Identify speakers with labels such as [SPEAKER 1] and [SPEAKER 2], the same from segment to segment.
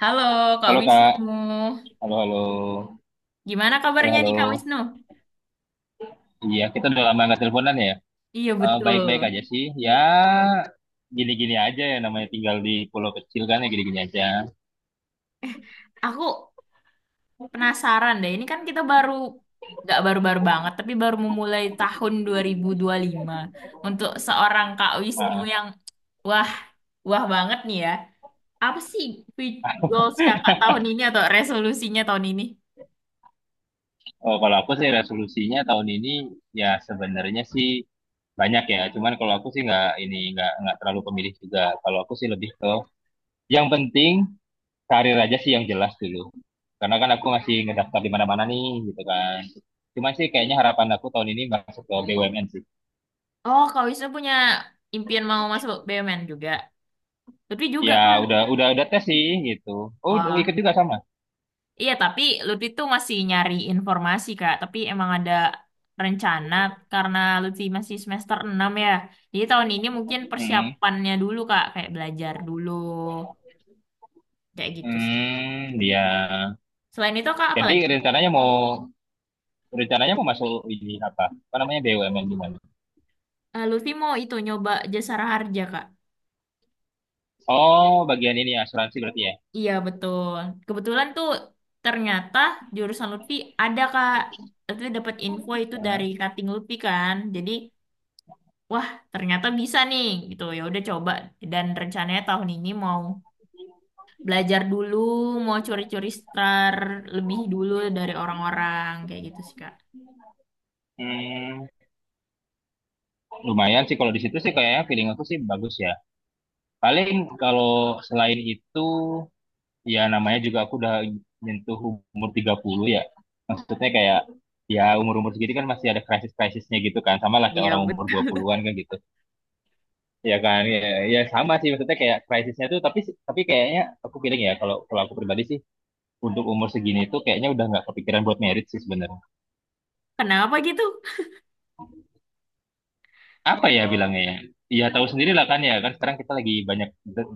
[SPEAKER 1] Halo Kak
[SPEAKER 2] Halo Kak,
[SPEAKER 1] Wisnu,
[SPEAKER 2] halo halo,
[SPEAKER 1] gimana
[SPEAKER 2] halo
[SPEAKER 1] kabarnya
[SPEAKER 2] halo.
[SPEAKER 1] nih Kak Wisnu?
[SPEAKER 2] Iya kita udah lama nggak teleponan ya.
[SPEAKER 1] Iya betul.
[SPEAKER 2] Baik-baik aja sih. Ya gini-gini aja ya namanya tinggal di pulau kecil kan ya gini-gini aja.
[SPEAKER 1] Aku penasaran deh, ini kan kita baru, nggak baru-baru banget, tapi baru memulai tahun dua dua ribu dua puluh lima. Untuk seorang Kak Wisnu
[SPEAKER 2] Nah,
[SPEAKER 1] yang wah, wah banget nih ya. Apa sih fi- goals kakak tahun ini atau resolusinya tahun ini?
[SPEAKER 2] kalau aku sih resolusinya tahun ini ya sebenarnya sih banyak ya. Cuman kalau aku sih nggak ini nggak terlalu pemilih juga. Kalau aku sih lebih ke yang penting karir aja sih yang jelas dulu. Karena kan aku masih ngedaftar di mana-mana nih gitu kan. Cuma sih kayaknya harapan aku tahun ini masuk ke BUMN.
[SPEAKER 1] Oh, Kak Wisnu punya impian mau masuk BUMN juga. Tapi juga
[SPEAKER 2] Ya
[SPEAKER 1] Kak.
[SPEAKER 2] udah tes sih gitu. Oh udah ikut
[SPEAKER 1] Wah.
[SPEAKER 2] juga sama.
[SPEAKER 1] Iya, tapi Lutfi tuh masih nyari informasi, Kak. Tapi emang ada rencana karena Lutfi masih semester 6 ya. Jadi tahun ini mungkin
[SPEAKER 2] Hmm.
[SPEAKER 1] persiapannya dulu, Kak. Kayak belajar dulu, kayak gitu sih.
[SPEAKER 2] Hmm, ya.
[SPEAKER 1] Selain itu, Kak, apa
[SPEAKER 2] Jadi
[SPEAKER 1] lagi?
[SPEAKER 2] rencananya mau masuk ini apa? Apa namanya BUMN gimana?
[SPEAKER 1] Lutfi mau itu nyoba jasa harja, Kak.
[SPEAKER 2] Oh, bagian ini asuransi berarti ya.
[SPEAKER 1] Iya, betul. Kebetulan tuh ternyata jurusan Lutfi ada, Kak. Lutfi dapat info itu
[SPEAKER 2] Hmm.
[SPEAKER 1] dari cutting Lutfi kan. Jadi, wah, ternyata bisa nih gitu. Ya udah coba. Dan rencananya tahun ini mau belajar dulu, mau curi-curi star lebih dulu dari orang-orang kayak gitu sih Kak.
[SPEAKER 2] Hmm, lumayan sih kalau di situ sih kayaknya feeling aku sih bagus ya. Paling kalau selain itu ya namanya juga aku udah nyentuh umur 30 ya. Maksudnya kayak ya umur-umur segitu kan masih ada krisis-krisisnya gitu kan. Sama lah kayak
[SPEAKER 1] Iya,
[SPEAKER 2] orang umur
[SPEAKER 1] betul.
[SPEAKER 2] 20-an kan gitu. Ya kan ya, ya sama sih maksudnya kayak krisisnya tuh tapi kayaknya aku feeling ya kalau kalau aku pribadi sih untuk umur segini tuh kayaknya udah nggak kepikiran buat merit sih sebenarnya.
[SPEAKER 1] Kenapa gitu?
[SPEAKER 2] Apa ya bilangnya ya ya tahu sendiri lah kan ya kan sekarang kita lagi banyak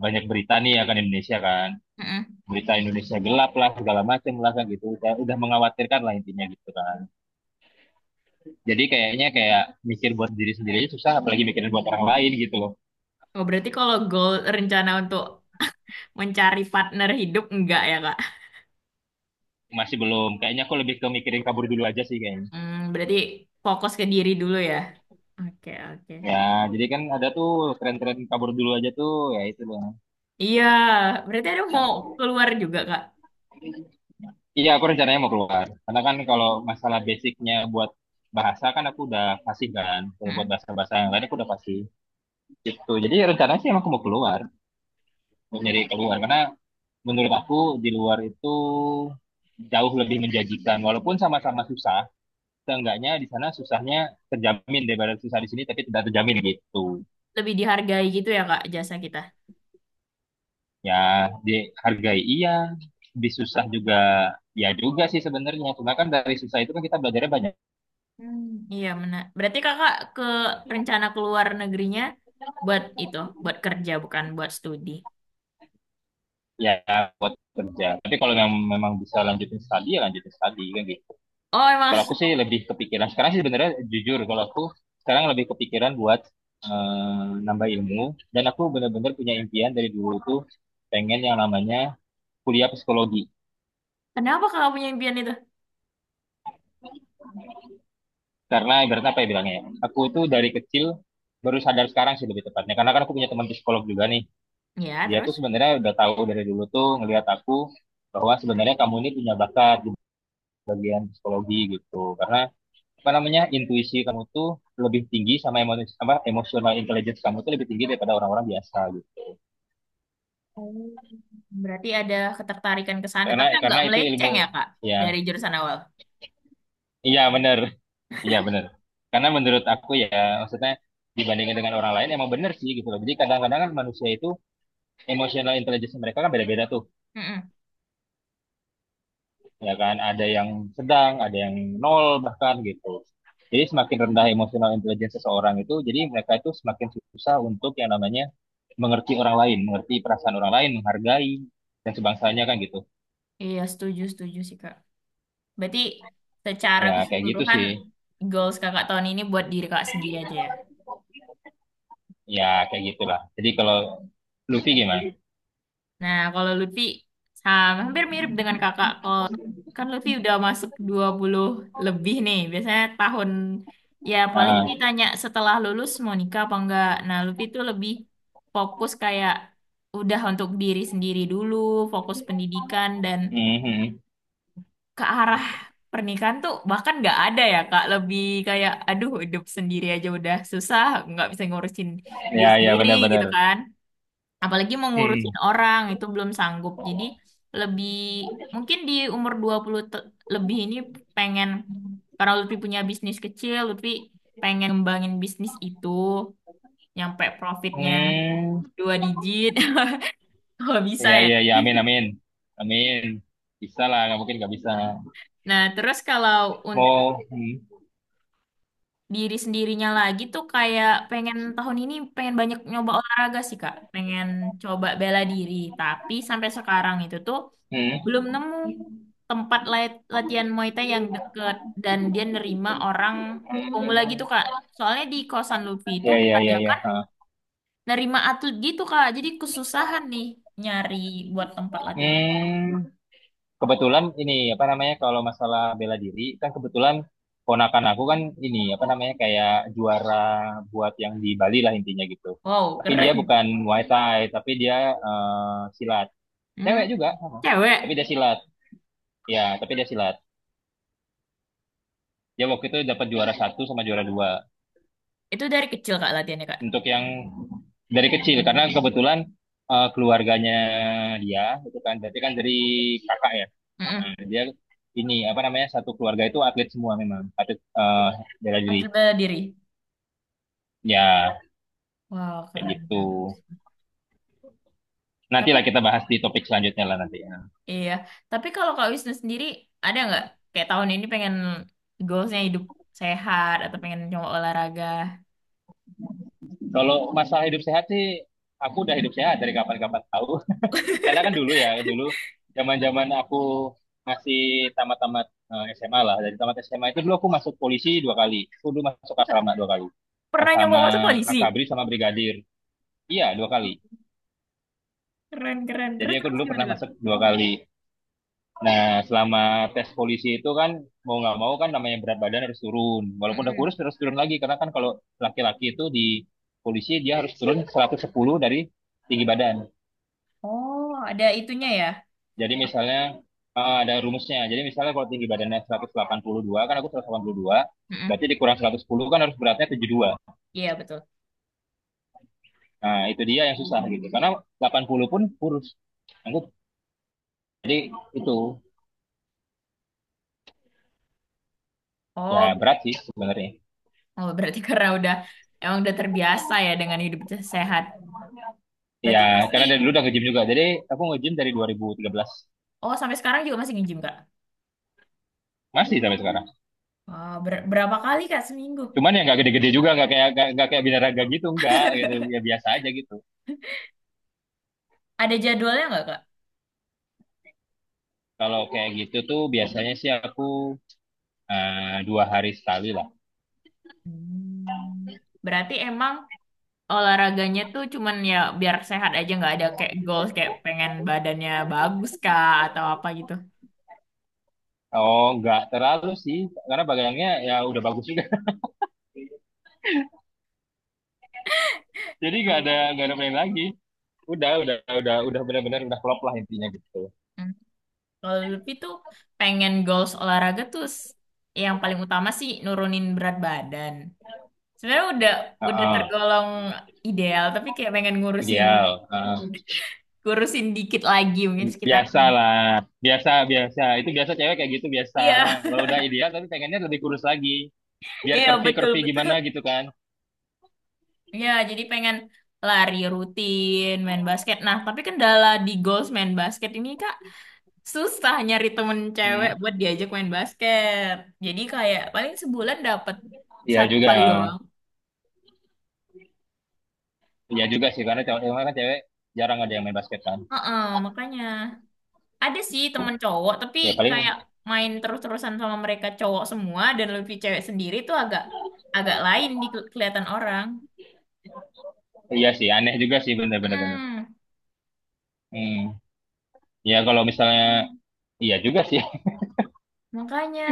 [SPEAKER 2] banyak berita nih ya kan Indonesia kan
[SPEAKER 1] Mm-mm.
[SPEAKER 2] berita Indonesia gelap lah segala macam lah kan gitu udah mengkhawatirkan lah intinya gitu kan. Jadi kayaknya kayak mikir buat diri sendiri aja susah apalagi mikirin buat orang lain gitu loh.
[SPEAKER 1] Oh, berarti kalau goal rencana untuk mencari partner hidup enggak ya Kak?
[SPEAKER 2] Masih belum kayaknya aku lebih ke mikirin kabur dulu aja sih kayaknya.
[SPEAKER 1] Hmm, berarti fokus ke diri dulu ya. Oke, oke.
[SPEAKER 2] Ya, jadi kan ada tuh tren-tren kabur dulu aja tuh, ya itu loh.
[SPEAKER 1] Iya, berarti ada mau keluar juga Kak.
[SPEAKER 2] Iya, aku rencananya mau keluar. Karena kan kalau masalah basicnya buat bahasa kan aku udah fasih kan. Kalau buat
[SPEAKER 1] Mm-mm.
[SPEAKER 2] bahasa-bahasa yang lain aku udah fasih. Gitu. Jadi rencananya sih emang aku mau keluar, mau nyari keluar. Karena menurut aku di luar itu jauh lebih menjanjikan. Walaupun sama-sama susah, seenggaknya di sana susahnya terjamin daripada susah di sini tapi tidak terjamin gitu.
[SPEAKER 1] Lebih dihargai gitu ya Kak jasa kita.
[SPEAKER 2] Ya dihargai iya disusah juga ya juga sih sebenarnya cuma kan dari susah itu kan kita belajarnya banyak.
[SPEAKER 1] Hmm, iya benar. Berarti Kakak ke rencana keluar negerinya buat itu, buat kerja bukan buat studi.
[SPEAKER 2] Ya buat kerja tapi kalau memang bisa lanjutin studi ya lanjutin studi kan gitu.
[SPEAKER 1] Oh emang,
[SPEAKER 2] Kalau aku sih lebih kepikiran sekarang sih sebenarnya jujur kalau aku sekarang lebih kepikiran buat nambah ilmu dan aku benar-benar punya impian dari dulu tuh pengen yang namanya kuliah psikologi.
[SPEAKER 1] kenapa kakak punya impian itu?
[SPEAKER 2] Karena ibaratnya apa ya bilangnya ya aku tuh dari kecil baru sadar sekarang sih lebih tepatnya karena kan aku punya teman psikolog juga nih.
[SPEAKER 1] Ya,
[SPEAKER 2] Dia tuh
[SPEAKER 1] terus?
[SPEAKER 2] sebenarnya udah tahu dari dulu tuh ngelihat aku bahwa sebenarnya kamu ini punya bakat di bagian psikologi gitu karena apa namanya intuisi kamu tuh lebih tinggi sama emosi apa emotional intelligence kamu tuh lebih tinggi daripada orang-orang biasa gitu.
[SPEAKER 1] Oh. Berarti ada ketertarikan ke sana,
[SPEAKER 2] karena
[SPEAKER 1] tapi agak
[SPEAKER 2] karena itu ilmu
[SPEAKER 1] melenceng ya, Kak,
[SPEAKER 2] ya.
[SPEAKER 1] dari jurusan awal.
[SPEAKER 2] Iya benar, iya benar. Karena menurut aku ya maksudnya dibandingkan dengan orang lain emang bener sih gitu loh. Jadi kadang-kadang kan manusia itu emotional intelligence mereka kan beda-beda tuh.
[SPEAKER 1] Mm-mm.
[SPEAKER 2] Ya kan ada yang sedang ada yang nol bahkan gitu. Jadi semakin rendah emosional intelijen seseorang itu jadi mereka itu semakin susah untuk yang namanya mengerti orang lain, mengerti perasaan orang lain, menghargai dan sebangsanya kan gitu.
[SPEAKER 1] Iya, setuju, setuju sih, Kak. Berarti secara
[SPEAKER 2] Ya kayak gitu
[SPEAKER 1] keseluruhan,
[SPEAKER 2] sih.
[SPEAKER 1] goals kakak tahun ini buat diri kakak sendiri aja ya?
[SPEAKER 2] Ya kayak gitulah, jadi kalau Luffy gimana?
[SPEAKER 1] Nah, kalau Lutfi sama, hampir mirip dengan kakak. Kalau kan Lutfi udah masuk 20 lebih nih. Biasanya tahun ya paling
[SPEAKER 2] Ah.
[SPEAKER 1] ditanya setelah lulus mau nikah apa enggak. Nah, Lutfi tuh lebih fokus kayak udah untuk diri sendiri dulu, fokus pendidikan dan
[SPEAKER 2] Mhm.
[SPEAKER 1] ke arah pernikahan tuh bahkan nggak ada ya Kak. Lebih kayak aduh hidup sendiri aja udah susah, nggak bisa ngurusin diri
[SPEAKER 2] Ya, ya
[SPEAKER 1] sendiri
[SPEAKER 2] benar-benar.
[SPEAKER 1] gitu kan apalagi mengurusin
[SPEAKER 2] Hmm.
[SPEAKER 1] orang itu belum sanggup. Jadi lebih mungkin di umur 20 lebih ini pengen karena Lutfi punya bisnis kecil, Lutfi pengen ngembangin bisnis itu nyampe profitnya
[SPEAKER 2] Hmm.
[SPEAKER 1] dua digit kalau bisa
[SPEAKER 2] Ya
[SPEAKER 1] ya.
[SPEAKER 2] ya ya, amin amin amin, bisa lah, nggak mungkin nggak bisa.
[SPEAKER 1] Nah, terus kalau untuk
[SPEAKER 2] Mau. Hmm.
[SPEAKER 1] diri sendirinya lagi tuh kayak pengen tahun ini pengen banyak nyoba olahraga sih Kak. Pengen coba bela diri, tapi sampai sekarang itu tuh
[SPEAKER 2] Hmm.
[SPEAKER 1] belum nemu tempat latihan Muay Thai yang deket dan dia nerima orang pemula gitu
[SPEAKER 2] Hmm,
[SPEAKER 1] Kak. Soalnya di kosan Luffy itu
[SPEAKER 2] ya ya ya ya.
[SPEAKER 1] kebanyakan
[SPEAKER 2] Ha.
[SPEAKER 1] nerima atlet gitu Kak. Jadi kesusahan nih nyari buat tempat latihan itu.
[SPEAKER 2] Hmm, kebetulan ini apa namanya kalau masalah bela diri kan kebetulan ponakan aku kan ini apa namanya kayak juara buat yang di Bali lah intinya gitu.
[SPEAKER 1] Wow,
[SPEAKER 2] Tapi dia
[SPEAKER 1] keren.
[SPEAKER 2] bukan Muay Thai, tapi dia silat.
[SPEAKER 1] Hmm.
[SPEAKER 2] Cewek juga sama. Tapi
[SPEAKER 1] Cewek.
[SPEAKER 2] dia silat. Ya, tapi dia silat. Dia waktu itu dapat juara satu sama juara dua.
[SPEAKER 1] Itu dari kecil Kak latihannya Kak.
[SPEAKER 2] Untuk yang dari kecil karena kebetulan keluarganya dia itu kan berarti kan dari kakak ya.
[SPEAKER 1] Mm-mm.
[SPEAKER 2] Nah, dia ini apa namanya satu keluarga itu atlet semua memang atlet bela diri.
[SPEAKER 1] Atlet bela diri.
[SPEAKER 2] Ya
[SPEAKER 1] Wow,
[SPEAKER 2] kayak
[SPEAKER 1] keren
[SPEAKER 2] gitu.
[SPEAKER 1] banget. Tapi
[SPEAKER 2] Nantilah kita bahas di topik selanjutnya lah nanti ya.
[SPEAKER 1] iya, tapi kalau Kak Wisnu sendiri ada nggak kayak tahun ini pengen goalsnya hidup sehat atau pengen coba olahraga?
[SPEAKER 2] Kalau masalah hidup sehat sih aku udah hidup sehat dari kapan-kapan tahu. Karena kan dulu ya, dulu zaman-zaman aku masih tamat-tamat SMA lah. Dari tamat SMA itu dulu aku masuk polisi dua kali. Aku dulu masuk asrama dua kali.
[SPEAKER 1] Pernah nyoba
[SPEAKER 2] Sama
[SPEAKER 1] masuk polisi?
[SPEAKER 2] akabri sama brigadir. Iya, dua kali.
[SPEAKER 1] Keren, keren.
[SPEAKER 2] Jadi
[SPEAKER 1] Terus,
[SPEAKER 2] aku
[SPEAKER 1] terus
[SPEAKER 2] dulu
[SPEAKER 1] gimana,
[SPEAKER 2] pernah
[SPEAKER 1] Kak?
[SPEAKER 2] masuk dua kali. Nah, selama tes polisi itu kan mau nggak mau kan namanya berat badan harus turun. Walaupun udah kurus
[SPEAKER 1] Mm-mm.
[SPEAKER 2] harus turun lagi karena kan kalau laki-laki itu di polisi dia harus turun 110 dari tinggi badan.
[SPEAKER 1] Oh, ada itunya ya?
[SPEAKER 2] Jadi misalnya ada rumusnya. Jadi misalnya kalau tinggi badannya 182, kan aku 182,
[SPEAKER 1] Mm-mm.
[SPEAKER 2] berarti dikurang 110 kan harus beratnya 72.
[SPEAKER 1] Iya, betul.
[SPEAKER 2] Nah, itu dia yang susah gitu. Karena 80 pun kurus. Aku, jadi itu ya
[SPEAKER 1] Oh,
[SPEAKER 2] berat sih sebenarnya.
[SPEAKER 1] oh, berarti karena udah, emang udah terbiasa ya dengan hidup sehat.
[SPEAKER 2] Ya,
[SPEAKER 1] Berarti pasti,
[SPEAKER 2] karena dari dulu udah nge-gym juga. Jadi aku nge-gym dari 2013.
[SPEAKER 1] oh sampai sekarang juga masih nge-gym, Kak?
[SPEAKER 2] Masih sampai sekarang.
[SPEAKER 1] Wah, berapa kali, Kak, seminggu?
[SPEAKER 2] Cuman ya nggak gede-gede juga, nggak kayak nggak kayak binaraga gitu, nggak gitu. Ya biasa aja gitu.
[SPEAKER 1] Ada jadwalnya nggak, Kak?
[SPEAKER 2] Kalau kayak gitu tuh biasanya sih aku dua hari sekali lah.
[SPEAKER 1] Hmm. Berarti emang olahraganya tuh cuman ya biar sehat aja, nggak ada kayak goals, kayak pengen badannya bagus, Kak, atau apa gitu?
[SPEAKER 2] Oh, nggak terlalu sih, karena bagangnya ya udah bagus juga. Jadi nggak ada main lagi. Udah benar-benar udah klop lah intinya gitu.
[SPEAKER 1] Hmm. Kalau Lutfi tuh pengen goals olahraga tuh yang paling utama sih nurunin berat badan. Sebenarnya udah
[SPEAKER 2] Heeh,
[SPEAKER 1] tergolong ideal, tapi kayak pengen ngurusin
[SPEAKER 2] ideal. Heeh.
[SPEAKER 1] ngurusin dikit lagi mungkin sekitar
[SPEAKER 2] Biasa
[SPEAKER 1] ini.
[SPEAKER 2] lah, biasa biasa. Itu biasa cewek kayak gitu biasa.
[SPEAKER 1] Iya,
[SPEAKER 2] Kalau udah ideal tapi pengennya lebih kurus lagi, biar
[SPEAKER 1] iya
[SPEAKER 2] curvy
[SPEAKER 1] betul
[SPEAKER 2] curvy gimana
[SPEAKER 1] betul.
[SPEAKER 2] gitu kan.
[SPEAKER 1] Iya, jadi pengen lari rutin, main basket. Nah, tapi kendala di goals main basket ini Kak, susah nyari temen cewek
[SPEAKER 2] Hmm,
[SPEAKER 1] buat diajak main basket. Jadi kayak paling sebulan dapet
[SPEAKER 2] iya
[SPEAKER 1] satu
[SPEAKER 2] juga,
[SPEAKER 1] kali doang.
[SPEAKER 2] iya juga sih karena kan cewek jarang ada yang main basket kan.
[SPEAKER 1] Heeh, makanya. Ada sih temen cowok, tapi
[SPEAKER 2] Ya
[SPEAKER 1] kayak
[SPEAKER 2] paling
[SPEAKER 1] main terus-terusan sama mereka cowok semua dan lebih cewek sendiri tuh agak agak lain di kelihatan orang.
[SPEAKER 2] iya sih, aneh juga sih bener-bener.
[SPEAKER 1] Mm,
[SPEAKER 2] Hmm, ya kalau misalnya iya juga sih.
[SPEAKER 1] makanya.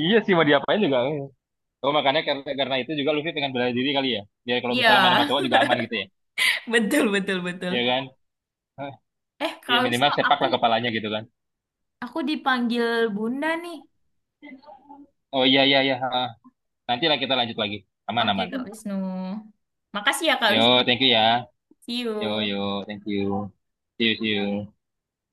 [SPEAKER 2] Iya sih mau diapain juga. Eh. Oh makanya karena itu juga Luffy pengen bela diri kali ya. Dia kalau misalnya main
[SPEAKER 1] Iya,
[SPEAKER 2] sama cowok juga aman gitu ya.
[SPEAKER 1] betul betul betul.
[SPEAKER 2] Iya kan? Hah,
[SPEAKER 1] Eh,
[SPEAKER 2] iya
[SPEAKER 1] Kak
[SPEAKER 2] minimal
[SPEAKER 1] Wisnu,
[SPEAKER 2] sepak lah kepalanya gitu kan.
[SPEAKER 1] aku dipanggil Bunda nih.
[SPEAKER 2] Oh iya iya iya. Ah, nanti lah kita lanjut lagi. Aman
[SPEAKER 1] Oke,
[SPEAKER 2] aman.
[SPEAKER 1] Kak Wisnu. Makasih ya Kak Wisnu.
[SPEAKER 2] Yo thank you ya.
[SPEAKER 1] See
[SPEAKER 2] Yo
[SPEAKER 1] you.
[SPEAKER 2] yo thank you. See you see you.